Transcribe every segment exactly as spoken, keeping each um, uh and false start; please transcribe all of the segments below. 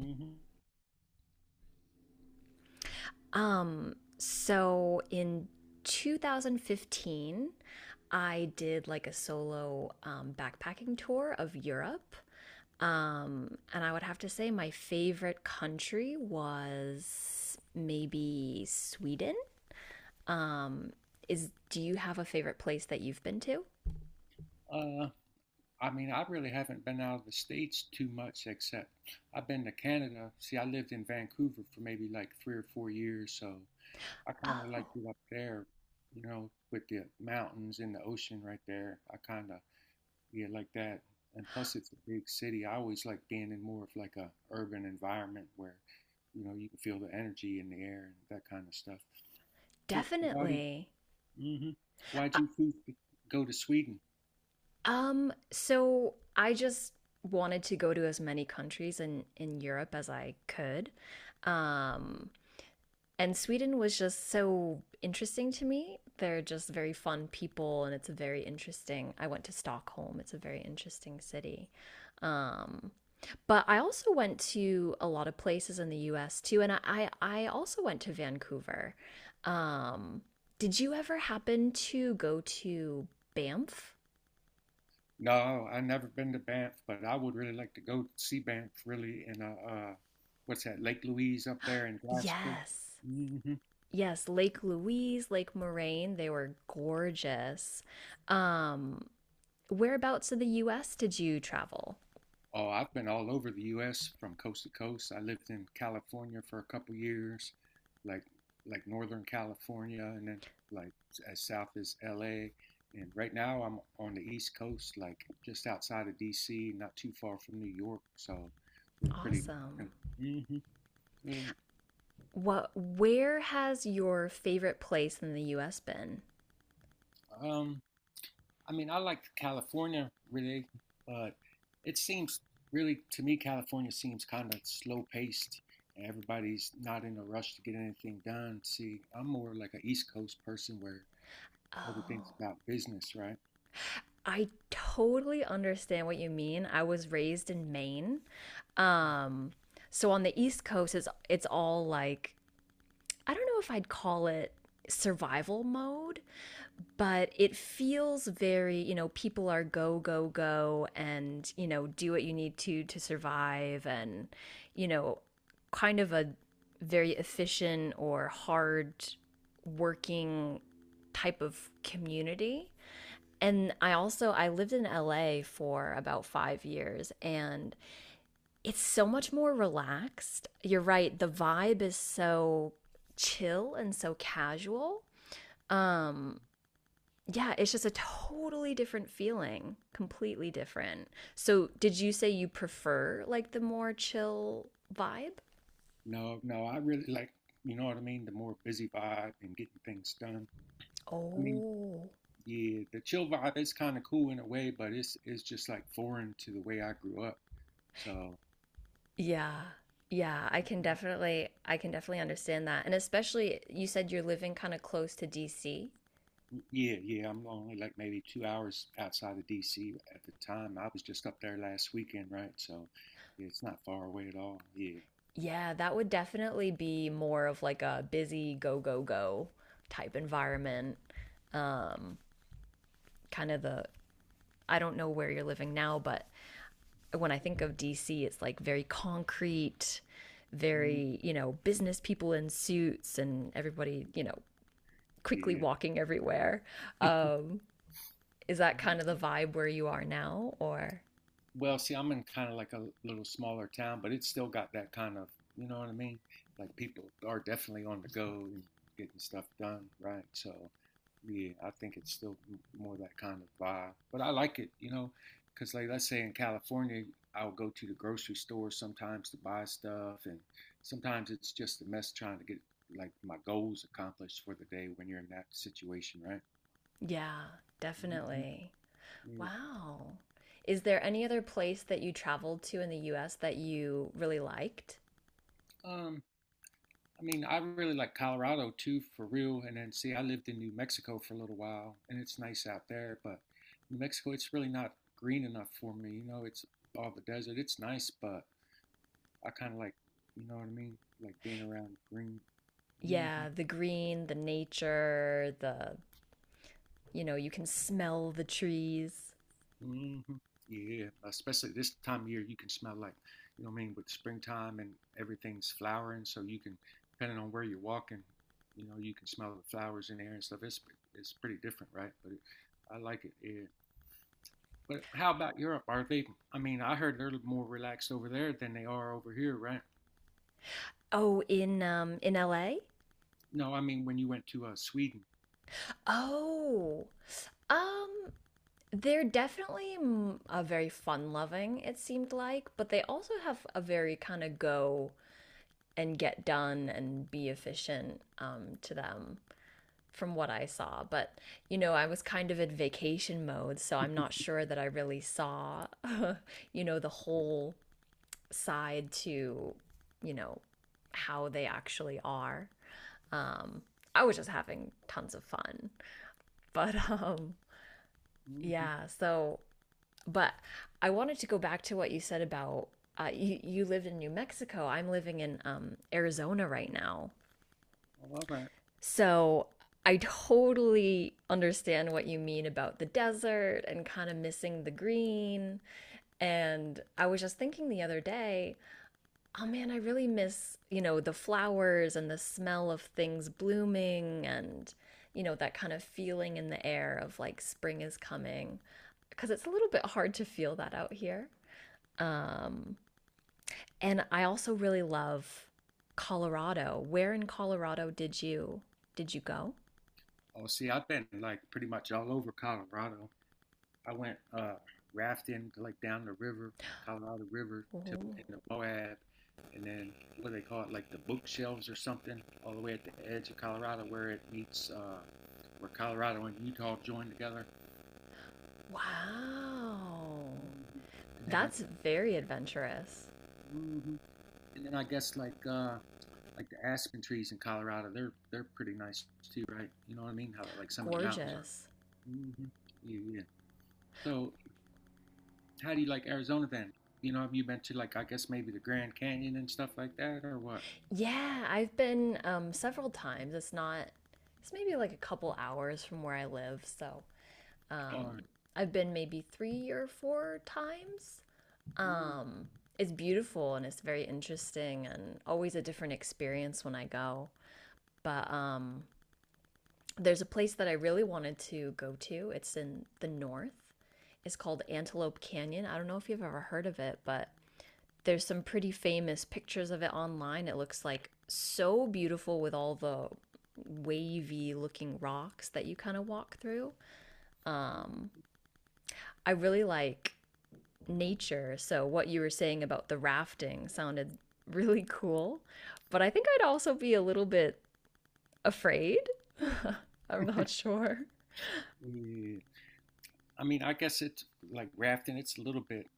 hmm Um, so in two thousand fifteen, I did like a solo um, backpacking tour of Europe. Um, and I would have to say my favorite country was maybe Sweden. Um, is do you have a favorite place that you've been to? Uh, I mean, I really haven't been out of the States too much, except I've been to Canada. See, I lived in Vancouver for maybe like three or four years, so I kind of liked Oh, it up there, you know, with the mountains and the ocean right there. I kind of, yeah, like that. And plus, it's a big city. I always like being in more of like a urban environment where, you know, you can feel the energy in the air and that kind of stuff. So why did, definitely. hmm Why'd Uh, you choose to go to Sweden? Um, so I just wanted to go to as many countries in in Europe as I could. Um, and Sweden was just so interesting to me. They're just very fun people, and it's a very interesting. I went to Stockholm. It's a very interesting city. Um, but I also went to a lot of places in the U S too, and I I also went to Vancouver. Um, did you ever happen to go to Banff? No, I've never been to Banff, but I would really like to go see Banff really in uh, uh what's that, Lake Louise up there in Jasper. Yes. hmm Yes, Lake Louise, Lake Moraine, they were gorgeous. Um, whereabouts in the U S did you travel? Oh, I've been all over the U S from coast to coast. I lived in California for a couple years, like like Northern California and then like as south as L A. And right now I'm on the East Coast, like just outside of D C, not too far from New York. So it's pretty. Awesome. hmm yeah. What where has your favorite place in the U S been? Um, I mean, I like California really, but it seems really to me California seems kind of slow paced. Everybody's not in a rush to get anything done. See, I'm more like an East Coast person where everything's Oh, about business, right? I totally understand what you mean. I was raised in Maine. Um, so on the East Coast it's it's all like I don't know if I'd call it survival mode, but it feels very, you know, people are go, go, go and, you know, do what you need to to survive and, you know, kind of a very efficient or hard working type of community. And I also I lived in L A for about five years and it's so much more relaxed. You're right, the vibe is so chill and so casual. Um yeah, it's just a totally different feeling, completely different. So, did you say you prefer like the more chill vibe? No, no, I really like, you know what I mean, the more busy vibe and getting things done. I mean, Oh. yeah, the chill vibe is kind of cool in a way, but it's it's just like foreign to the way I grew up. So Yeah. Yeah, I can definitely I can definitely understand that. And especially you said you're living kind of close to D C. yeah, yeah. I'm only like maybe two hours outside of D C at the time. I was just up there last weekend, right? So yeah, it's not far away at all. Yeah. Yeah, that would definitely be more of like a busy go go go type environment. Um kind of the I don't know where you're living now, but when I think of D C, it's like very concrete, Mm, very, you know, business people in suits and everybody, you know, quickly yeah. walking everywhere. Um, is that kind of the Mm. vibe where you are now? Or, Well, see, I'm in kind of like a little smaller town, but it's still got that kind of, you know what I mean? Like people are definitely on the go and getting stuff done, right? So, yeah, I think it's still m- more that kind of vibe. But I like it, you know, because like let's say in California, I'll go to the grocery store sometimes to buy stuff, and sometimes it's just a mess trying to get like my goals accomplished for the day when you're in that situation, right? yeah, definitely. hmm Wow. Is there any other place that you traveled to in the U S that you really liked? Um, I mean, I really like Colorado too, for real. And then, see, I lived in New Mexico for a little while, and it's nice out there, but New Mexico, it's really not green enough for me. You know, it's all the desert. It's nice, but I kind of like, you know what I mean? Like being around green. hmm Yeah, the green, the nature, the, you know, you can smell the trees. hmm Yeah, especially this time of year, you can smell like, you know what I mean, with springtime and everything's flowering. So you can, depending on where you're walking, you know, you can smell the flowers in the air and stuff. It's it's pretty different, right? But it, I like it. Yeah. But how about Europe? Are they? I mean, I heard they're more relaxed over there than they are over here, right? Oh, in um in L A? No, I mean when you went to uh, Sweden. Oh, um, they're definitely mm, a very fun-loving, it seemed like, but they also have a very kind of go and get done and be efficient um, to them from what I saw. But, you know, I was kind of in vacation mode, so I'm not sure that I really saw, you know, the whole side to, you know, how they actually are. Um, I was just having tons of fun. But um hmm yeah. So, but I wanted to go back to what you said about uh, you, you lived in New Mexico. I'm living in um, Arizona right now. all right. So I totally understand what you mean about the desert and kind of missing the green. And I was just thinking the other day, oh man, I really miss, you know, the flowers and the smell of things blooming and, you know, that kind of feeling in the air of like spring is coming. Because it's a little bit hard to feel that out here. Um, and I also really love Colorado. Where in Colorado did you did you go? Oh, see, I've been like pretty much all over Colorado. I went uh, rafting like down the river, Colorado River, to Oh, in the Moab, and then what do they call it, like the bookshelves or something, all the way at the edge of Colorado where it meets, uh, where Colorado and Utah join together. wow. Mhm. And then I, That's very adventurous. Mhm. And then I guess like uh, like the aspen trees in Colorado, they're they're pretty nice too, right? You know what I mean? How like some of the mountains are. Gorgeous. hmm Yeah, yeah. So how do you like Arizona then? You know, have you been to like I guess maybe the Grand Canyon and stuff like that, or what? Yeah, I've been um, several times. It's not, it's maybe like a couple hours from where I live. So Or um, I've been maybe three or four times. mm Um, it's beautiful and it's very interesting and always a different experience when I go. But um, there's a place that I really wanted to go to. It's in the north. It's called Antelope Canyon. I don't know if you've ever heard of it, but there's some pretty famous pictures of it online. It looks like so beautiful with all the wavy looking rocks that you kind of walk through. Um, I really like nature. So, what you were saying about the rafting sounded really cool. But I think I'd also be a little bit afraid. I'm not sure. yeah. I mean, I guess it's like rafting. It's a little bit.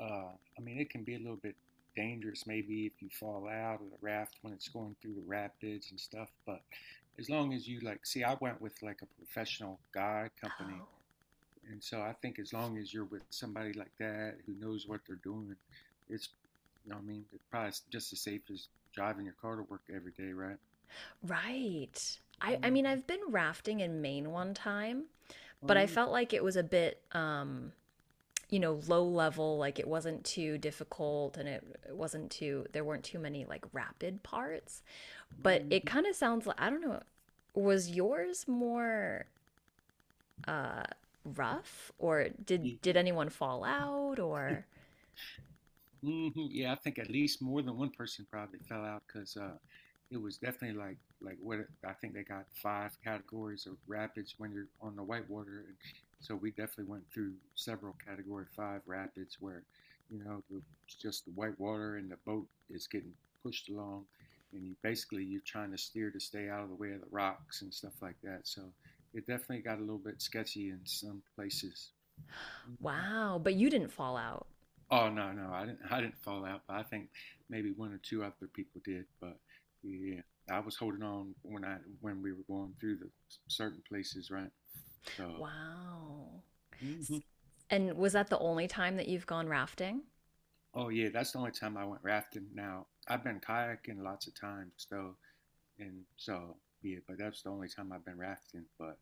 Uh, I mean, it can be a little bit dangerous maybe if you fall out of the raft when it's going through the rapids and stuff. But as long as you like, see, I went with like a professional guide company. Oh, And so I think as long as you're with somebody like that who knows what they're doing, it's, you know, what I mean, it's probably just as safe as driving your car to work every day, right? right. I, I hmm mean, I've been rafting in Maine one time, but I Oh felt like it was a bit um, you know low level like it wasn't too difficult and it, wasn't too there weren't too many like rapid parts but it yeah. kind of sounds like I don't know was yours more uh rough or did did hmm anyone fall out or hmm Yeah, I think at least more than one person probably fell out because uh, it was definitely like like what it- I think they got five categories of rapids when you're on the whitewater, and so we definitely went through several category five rapids where you know the, just the whitewater and the boat is getting pushed along, and you basically you're trying to steer to stay out of the way of the rocks and stuff like that. So it definitely got a little bit sketchy in some places. wow but you didn't fall out. Oh no, no, I didn't. I didn't fall out, but I think maybe one or two other people did. But yeah, I was holding on when I when we were going through the s- certain places, right? So, Wow, mhm. and was that the only time that you've gone rafting Oh yeah, that's the only time I went rafting. Now I've been kayaking lots of times though, and so yeah, but that's the only time I've been rafting. But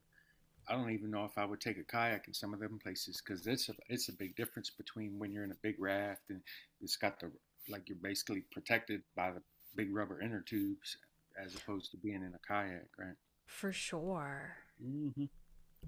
I don't even know if I would take a kayak in some of them places because it's a, it's a big difference between when you're in a big raft and it's got the like you're basically protected by the big rubber inner tubes as opposed to being in a kayak, right? for sure. Mm-hmm.